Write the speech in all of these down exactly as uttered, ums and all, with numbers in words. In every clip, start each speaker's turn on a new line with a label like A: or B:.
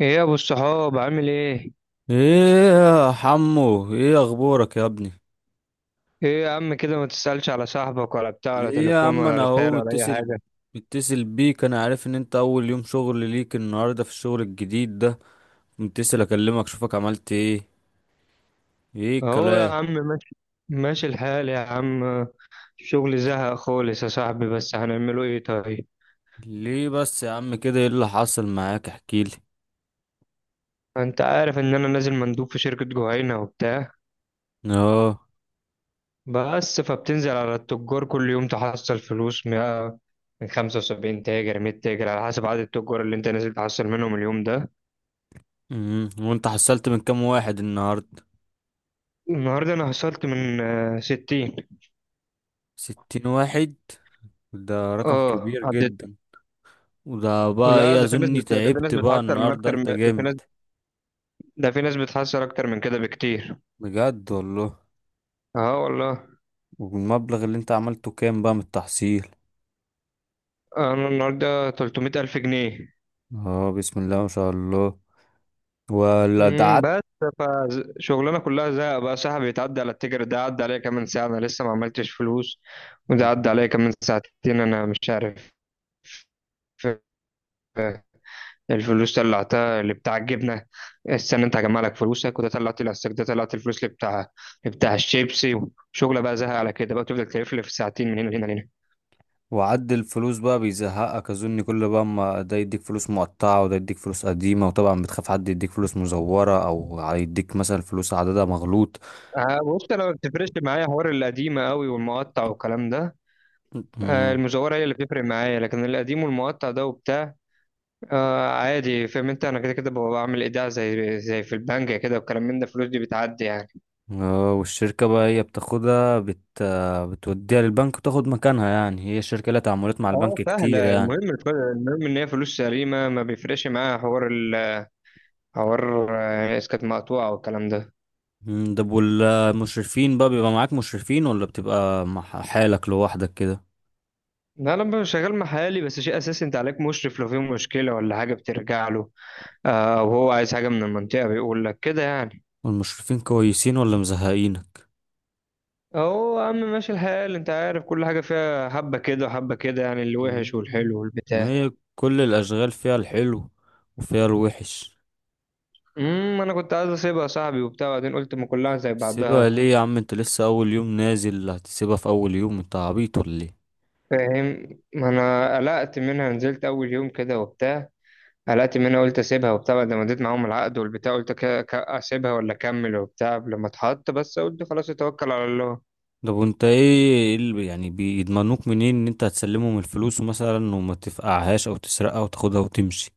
A: ايه يا ابو الصحاب عامل ايه؟
B: ايه يا حمو، ايه اخبارك يا ابني؟
A: ايه يا عم، كده ما تسألش على صاحبك ولا بتاع، ولا
B: ليه يا
A: تليفون
B: عم،
A: ولا
B: انا اهو
A: رسالة ولا اي
B: متصل
A: حاجة؟
B: متصل بيك، انا عارف ان انت اول يوم شغل ليك النهارده في الشغل الجديد ده. متصل اكلمك اشوفك عملت ايه. ايه
A: اهو يا
B: الكلام؟
A: عم ماشي. ماشي الحال يا عم. الشغل زهق خالص يا صاحبي، بس هنعمله ايه طيب.
B: ليه بس يا عم كده؟ ايه اللي حصل معاك؟ احكيلي.
A: انت عارف ان انا نازل مندوب في شركة جهينة وبتاع،
B: اه.
A: بس فبتنزل على التجار كل يوم تحصل فلوس مية- من خمسة وسبعين تاجر مية تاجر على حسب عدد التجار اللي انت نازل تحصل منهم اليوم ده.
B: امم وانت حصلت من كام واحد النهارده؟
A: النهارده انا حصلت من آه، ستين.
B: ستين واحد؟ ده رقم
A: اه.
B: كبير جدا. وده بقى
A: لا
B: ايه،
A: ده في ناس
B: اظني
A: بت... ده في ناس
B: تعبت بقى
A: بتحسر من
B: النهارده،
A: اكتر من...
B: انت
A: ده في ناس،
B: جامد.
A: ده في ناس بتحسر اكتر من كده بكتير.
B: بجد والله؟
A: اه والله.
B: والمبلغ اللي انت عملته كام بقى من التحصيل؟
A: انا النهارده تلتمية الف جنيه الف جنيه.
B: اه، بسم الله ما شاء الله. ولا ده
A: امم
B: عد؟
A: بس، فشغلنا كلها زهق بقى صاحبي. يتعدى على التيجر ده عدى عليا كمان ساعه انا لسه ما عملتش فلوس، وده عدى عليا كمان ساعتين انا مش عارف. آه، الفلوس طلعتها اللي بتاع الجبنه. استنى انت هجمع لك فلوسك، وده طلعت الاستك، ده طلعت الفلوس اللي بتاع اللي بتاع الشيبسي. وشغله بقى زهق على كده، بقى تفضل تلف في ساعتين من هنا لهنا.
B: وعد الفلوس بقى بيزهقك اظن، كل بقى، ما ده يديك فلوس مقطعة، وده يديك فلوس قديمة، وطبعا بتخاف حد يديك فلوس مزورة او هيديك مثلا فلوس عددها مغلوط.
A: آه، بص انا ما بتفرقش معايا حوار القديمه قوي والمقطع والكلام ده. آه،
B: مم.
A: المزوره هي اللي بتفرق معايا، لكن القديم والمقطع ده وبتاع. آه عادي، فاهم انت، انا كده كده ببقى بعمل ايداع زي زي في البنك كده والكلام من ده، الفلوس دي بتعدي يعني.
B: اه، والشركة بقى هي بتاخدها بت... بتوديها للبنك وتاخد مكانها، يعني هي الشركة لها تعاملات مع البنك
A: اه
B: كتير
A: سهله،
B: يعني.
A: المهم الف- المهم ان هي فلوس سليمه، ما بيفرقش معايا حوار ال حوار آه، اسكت، مقطوعه والكلام ده.
B: مم. ده والمشرفين بقى، بيبقى معاك مشرفين ولا بتبقى مع حالك لوحدك كده؟
A: ده انا لما شغال محلي بس شيء اساسي انت عليك مشرف، لو في مشكله ولا حاجه بترجع له. آه، وهو عايز حاجه من المنطقه بيقول لك كده يعني.
B: والمشرفين كويسين ولا مزهقينك؟
A: اهو يا عم ماشي الحال، انت عارف كل حاجة فيها حبة كده وحبة كده، يعني اللي وحش والحلو
B: ما
A: والبتاع.
B: هي كل الأشغال فيها الحلو وفيها الوحش.
A: امم انا كنت عايز اسيبها يا صاحبي وبتاع، وبعدين قلت ما كلها زي
B: سيبها
A: بعضها.
B: ليه يا عم؟ انت لسه أول يوم نازل، هتسيبها في أول يوم؟ انت عبيط ولا ايه؟
A: فاهم، ما انا قلقت منها، نزلت اول يوم كده وبتاع. قلقت منها قلت اسيبها وبتاع، بعد ما اديت معاهم العقد والبتاع قلت ك- ك- اسيبها ولا اكمل وبتاع، لما اتحط بس قلت خلاص اتوكل على الله.
B: طب وانت ايه، ايه اللي يعني بيضمنوك منين ان انت هتسلمهم الفلوس مثلا وما تفقعهاش او تسرقها وتاخدها وتمشي؟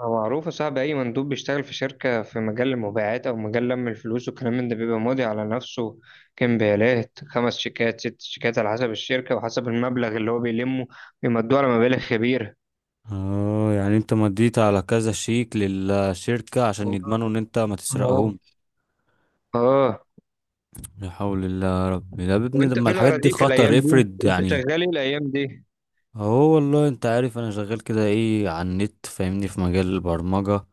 A: هو معروف يا صاحبي، أي مندوب بيشتغل في شركة في مجال المبيعات أو مجال لم الفلوس والكلام من ده بيبقى ماضي على نفسه كمبيالات، خمس شيكات ست شيكات على حسب الشركة وحسب المبلغ اللي هو بيلمه، بيمدوه على مبالغ كبيرة.
B: اه، يعني انت مديت على كذا شيك للشركة عشان يضمنوا ان انت ما
A: اه.
B: تسرقهم؟
A: آه.
B: لا حول الله يا رب، ده يا ابني
A: وأنت
B: لما
A: فين
B: الحاجات دي
A: أراضيك الأيام
B: خطر
A: دي؟
B: افرض
A: أنت
B: يعني.
A: شغال إيه الأيام دي؟
B: هو والله انت عارف انا شغال كده ايه على النت، فاهمني، في مجال البرمجة.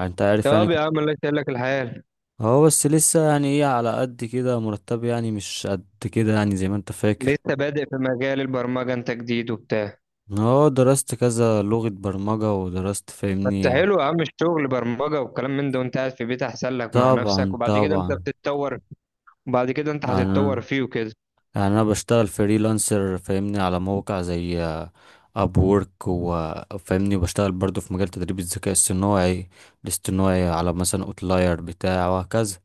B: انت عارف يعني
A: طب يا
B: كنت-
A: عم الله يسهل لك الحال.
B: هو بس لسه يعني ايه على قد كده، مرتب يعني مش قد كده يعني زي ما انت فاكر.
A: لسه بادئ في مجال البرمجة، أنت جديد وبتاع.
B: اه، درست كذا لغة برمجة ودرست،
A: بس
B: فاهمني.
A: حلو يا عم الشغل برمجة والكلام من ده، وأنت قاعد في بيت أحسن لك مع نفسك،
B: طبعا
A: وبعد كده أنت
B: طبعا.
A: بتتطور. بعد كده انت هتتطور
B: انا
A: فيه وكده.
B: يعني انا بشتغل فريلانسر فاهمني، على موقع زي اب وورك، وفاهمني، وبشتغل برضو في مجال تدريب الذكاء الصناعي الاصطناعي على مثلا اوتلاير بتاع، وهكذا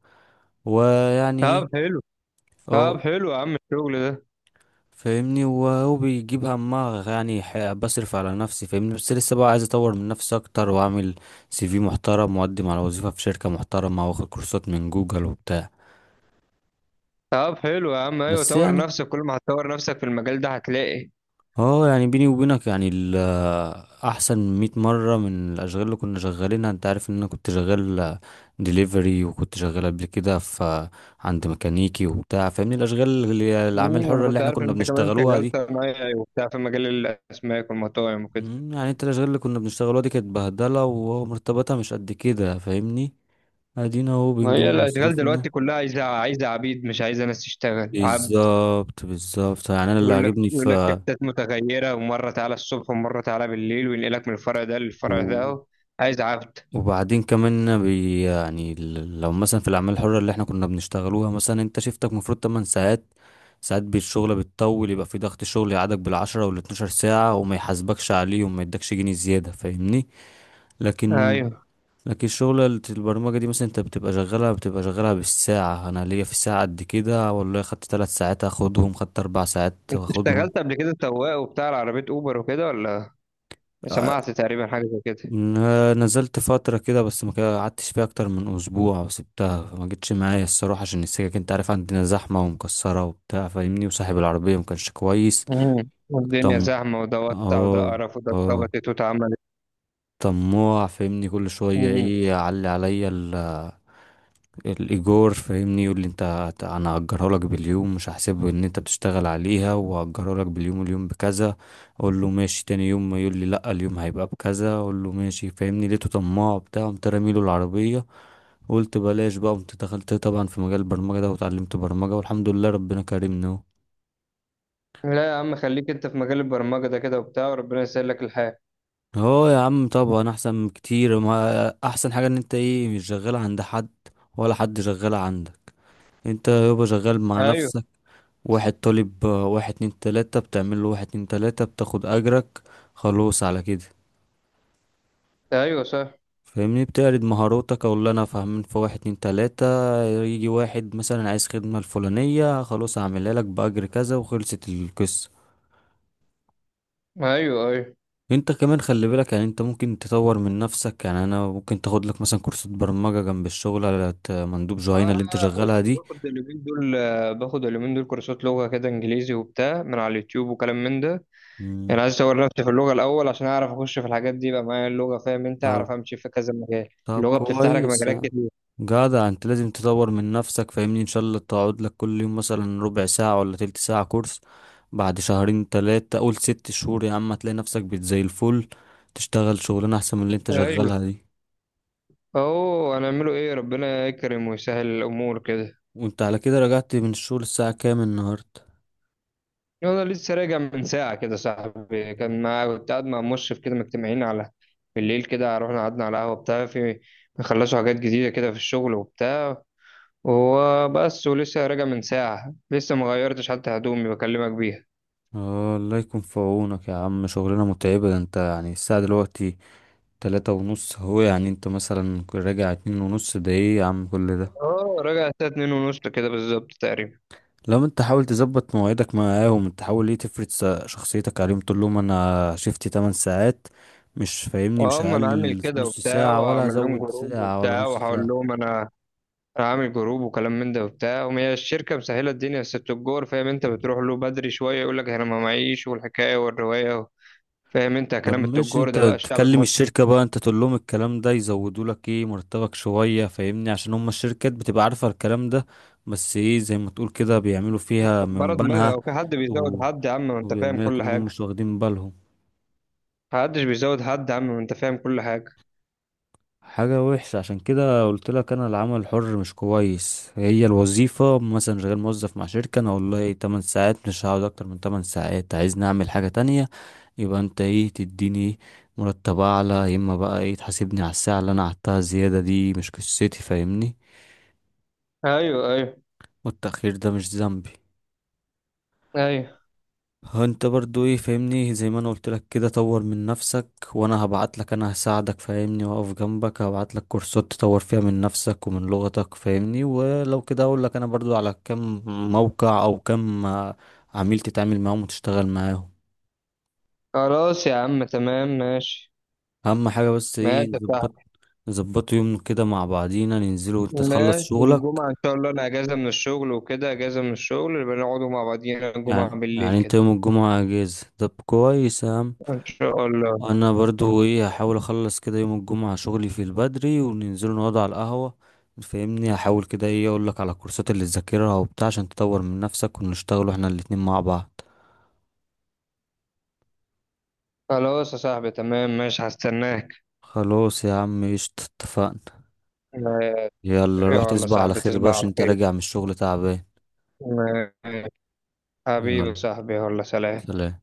B: ويعني
A: طب
B: ايه.
A: حلو طب
B: اه،
A: حلو يا عم الشغل ده.
B: فاهمني، وهو بيجيب همها يعني، ح- بصرف على نفسي فاهمني، بس لسه بقى عايز اطور من نفسي اكتر واعمل سي في محترم واقدم على وظيفة في شركة محترمة واخد كورسات من جوجل وبتاع.
A: طب حلو يا عم، ايوه
B: بس
A: طور
B: يعني،
A: نفسك، كل ما هتطور نفسك في المجال ده هتلاقي.
B: اه يعني بيني وبينك يعني ال- احسن 100 مرة من الاشغال اللي كنا شغالينها. انت عارف ان انا كنت شغال ديليفري وكنت شغال قبل كده في عند ميكانيكي وبتاع فاهمني، الاشغال اللي الاعمال
A: امم انا
B: الحرة اللي
A: كنت
B: احنا
A: عارف ان
B: كنا
A: انت كمان
B: بنشتغلوها
A: شغال
B: دي.
A: صنايعي وبتاع في مجال الاسماك والمطاعم وكده.
B: مم، يعني انت الاشغال اللي كنا بنشتغلوها دي كانت بهدله ومرتباتها مش قد كده فاهمني. ادينا اهو
A: ما
B: بنجيب
A: هي الاشغال دلوقتي
B: مصروفنا.
A: كلها عايزه عايزه عبيد، مش عايزه ناس تشتغل عبد.
B: بالظبط بالظبط، يعني انا اللي
A: يقول لك
B: عاجبني
A: يقول لك
B: في
A: شفتات متغيره، ومره تعالى الصبح ومره تعالى بالليل، وينقلك من الفرع ده للفرع
B: و...
A: ده. عايز عبد.
B: وبعدين كمان بي يعني ال- لو مثلا في الاعمال الحره اللي احنا كنا بنشتغلوها، مثلا انت شفتك المفروض 8 ساعات، ساعات بالشغل بتطول، يبقى في ضغط شغل يقعدك بالعشرة وال12 ساعة وما يحاسبكش عليه وما يدكش جنيه زيادة فاهمني. لكن
A: ايوه.
B: لكن شغلة البرمجة دي مثلا، انت بتبقى شغالها بتبقى شغالها بالساعة، انا ليا في الساعة قد كده، والله خدت ثلاث ساعات هاخدهم، خدت اربع ساعات
A: انت
B: هاخدهم.
A: اشتغلت قبل كده سواق وبتاع عربيه اوبر وكده، ولا
B: آه،
A: سمعت تقريبا حاجة زي كده؟
B: ن- نزلت فترة كده بس ما كده- قعدتش فيها اكتر من اسبوع وسبتها، فما جتش معايا الصراحة عشان السكك، انت عارف عندنا زحمة ومكسرة وبتاع فاهمني، وصاحب العربية ما كانش كويس.
A: مم. والدنيا
B: طم
A: زحمة وده وسع وده
B: اه،
A: قرف وده
B: اه،
A: اتربطت واتعملت.
B: طماع فاهمني، كل شوية
A: مم.
B: ايه يعلي عليا الايجار فاهمني، يقول لي انت هت- انا هأجره لك باليوم، مش هحسبه ان انت بتشتغل عليها، وهأجره لك باليوم، اليوم بكذا. اقول له ماشي. تاني يوم ما يقول لي لا، اليوم هيبقى بكذا. اقول له ماشي فاهمني، لقيته طماع بتاع، قمت راميله العربيه، قلت بلاش بقى، قمت دخلت طبعا في مجال البرمجه ده وتعلمت برمجه، والحمد لله ربنا كرمني.
A: لا يا عم، خليك انت في مجال البرمجة ده كده وبتاع وربنا يسهل لك الحال.
B: اهو اه يا عم، طبعا احسن كتير. ما احسن حاجه ان انت ايه مش شغال عند حد ولا حد شغال عندك. انت يابا شغال مع
A: ايوه،
B: نفسك، واحد طالب، آه، واحد اتنين تلاتة، بتعمل له واحد اتنين تلاتة بتاخد أجرك، خلاص على كده.
A: ايوه صح،
B: فاهمني، بتعرض مهاراتك أو اللي أنا فاهمين في واحد اتنين تلاتة، يجي واحد مثلا عايز خدمة الفلانية، خلاص هعملها لك بأجر كذا، وخلصت القصة.
A: ايوه ايوه.
B: انت كمان خلي بالك، يعني انت ممكن تطور من نفسك، يعني انا ممكن تاخد لك مثلا كورسات برمجة جنب الشغل، على ت- مندوب جهينة
A: انا
B: اللي انت
A: بص،
B: شغالها دي.
A: باخد اليومين دول آه، باخد اليومين دول كورسات لغة كده انجليزي وبتاع من على اليوتيوب وكلام من ده. يعني
B: مم.
A: عايز اطور نفسي في اللغة الاول عشان اعرف اخش في الحاجات دي، يبقى معايا اللغة، فاهم انت،
B: طب
A: اعرف امشي في كذا مجال.
B: طب
A: اللغة بتفتح لك
B: كويس
A: مجالات
B: يعني،
A: كتير.
B: جدع، انت لازم تطور من نفسك فاهمني، ان شاء الله تقعد لك كل يوم مثلا ربع ساعة ولا تلت ساعة كورس، بعد شهرين تلاتة، قول ست شهور يا عم، هتلاقي نفسك بت زي الفل، تشتغل شغلانة احسن من اللي انت
A: ايوه.
B: شغالها دي.
A: اهو هنعمله ايه، ربنا يكرم ويسهل الامور كده.
B: وانت على كده رجعت من الشغل الساعة كام النهاردة؟
A: انا لسه راجع من ساعه كده صاحبي، كان مع كنت قاعد مع مشرف كده مجتمعين على بالليل كده، رحنا قعدنا على قهوه بتاع في، بيخلصوا حاجات جديده كده في الشغل وبتاع. وهو بس، ولسه راجع من ساعه، لسه ما غيرتش حتى هدومي بكلمك بيها.
B: اه، الله يكون في عونك يا عم، شغلانة متعبة، ده انت يعني الساعة دلوقتي تلاتة ونص، هو يعني انت مثلا راجع اتنين ونص، ده ايه يا عم كل ده؟
A: اه راجع الساعه اتنين ونص كده بالظبط تقريبا.
B: لو انت، حاول تظبط مواعيدك معاهم، انت حاول ايه تفرض س- شخصيتك عليهم، تقول لهم انا شفتي 8 ساعات، مش فاهمني، مش
A: اه ما انا عامل
B: هقلل
A: كده
B: نص
A: وبتاع،
B: ساعة ولا
A: واعمل لهم
B: هزود
A: جروب
B: ساعة ولا
A: وبتاع
B: نص
A: واقول
B: ساعة.
A: لهم انا عامل جروب وكلام من ده وبتاع، وهي الشركة مسهلة الدنيا، بس التجار فاهم انت، بتروح له بدري شوية يقول لك انا ما معيش والحكاية والرواية. فاهم انت
B: طب
A: كلام
B: ماشي،
A: التجار
B: انت
A: ده بقى الشعب
B: تكلم
A: المصري،
B: الشركة بقى، انت تقول لهم الكلام ده يزودوا لك ايه مرتبك شوية، فاهمني، عشان هم الشركات بتبقى عارفة الكلام ده، بس ايه زي ما تقول كده بيعملوا فيها
A: برا
B: من
A: دماغها.
B: بنها،
A: وفي حد
B: و...
A: بيزود حد يا عم، ما انت فاهم
B: وبيعملوا
A: كل
B: انهم
A: حاجة.
B: مش واخدين بالهم.
A: محدش بيزود حد يا عم، ما انت فاهم كل حاجة.
B: حاجة وحشة، عشان كده قلت لك انا العمل الحر مش كويس، هي الوظيفة مثلا شغال موظف مع شركة، انا والله 8 ساعات مش هقعد اكتر من 8 ساعات، عايز نعمل حاجة تانية يبقى انت ايه تديني مرتب اعلى، يا اما بقى ايه تحاسبني على الساعة اللي انا قعدتها زيادة، دي مش قصتي فاهمني،
A: ايوه ايوه،
B: والتأخير ده مش ذنبي.
A: ايوه.
B: هو انت برضو ايه فاهمني، زي ما انا قلت لك كده، طور من نفسك، وانا هبعت لك، انا هساعدك فاهمني، واقف جنبك، هبعت لك كورسات تطور فيها من نفسك ومن لغتك فاهمني، ولو كده اقول لك انا برضو على كم موقع او كم آه، عميل تتعامل معاهم وتشتغل معاهم.
A: خلاص يا عم تمام ماشي.
B: اهم حاجة بس ايه
A: ماشي يا
B: نظبط
A: صاحبي.
B: نظبطوا يوم كده مع بعضينا ننزلوا وانت تخلص
A: ماشي
B: شغلك.
A: الجمعة إن شاء الله، أنا أجازة من الشغل وكده، أجازة من الشغل، يبقى نقعدوا مع بعضينا
B: يعني
A: الجمعة بالليل
B: يعني انت
A: كده.
B: يوم الجمعة اجازة؟ طب كويس يا عم.
A: إن شاء الله.
B: انا برضو ايه هحاول اخلص كده يوم الجمعة شغلي في البدري، وننزلوا نقعد على القهوة فاهمني، هحاول كده ايه اقولك على الكورسات اللي تذاكرها وبتاع عشان تطور من نفسك، ونشتغلوا احنا الاتنين مع بعض.
A: خلاص يا صاحبي تمام ماشي، هستناك.
B: خلاص يا عم ايش، اتفقنا.
A: آه،
B: يلا روح
A: يلا يا
B: تصبح على
A: صاحبي
B: خير بقى،
A: تصبح على
B: عشان انت
A: خير.
B: راجع من الشغل تعبان.
A: آه، حبيبي يا
B: يلا
A: صاحبي يلا سلام.
B: سلام.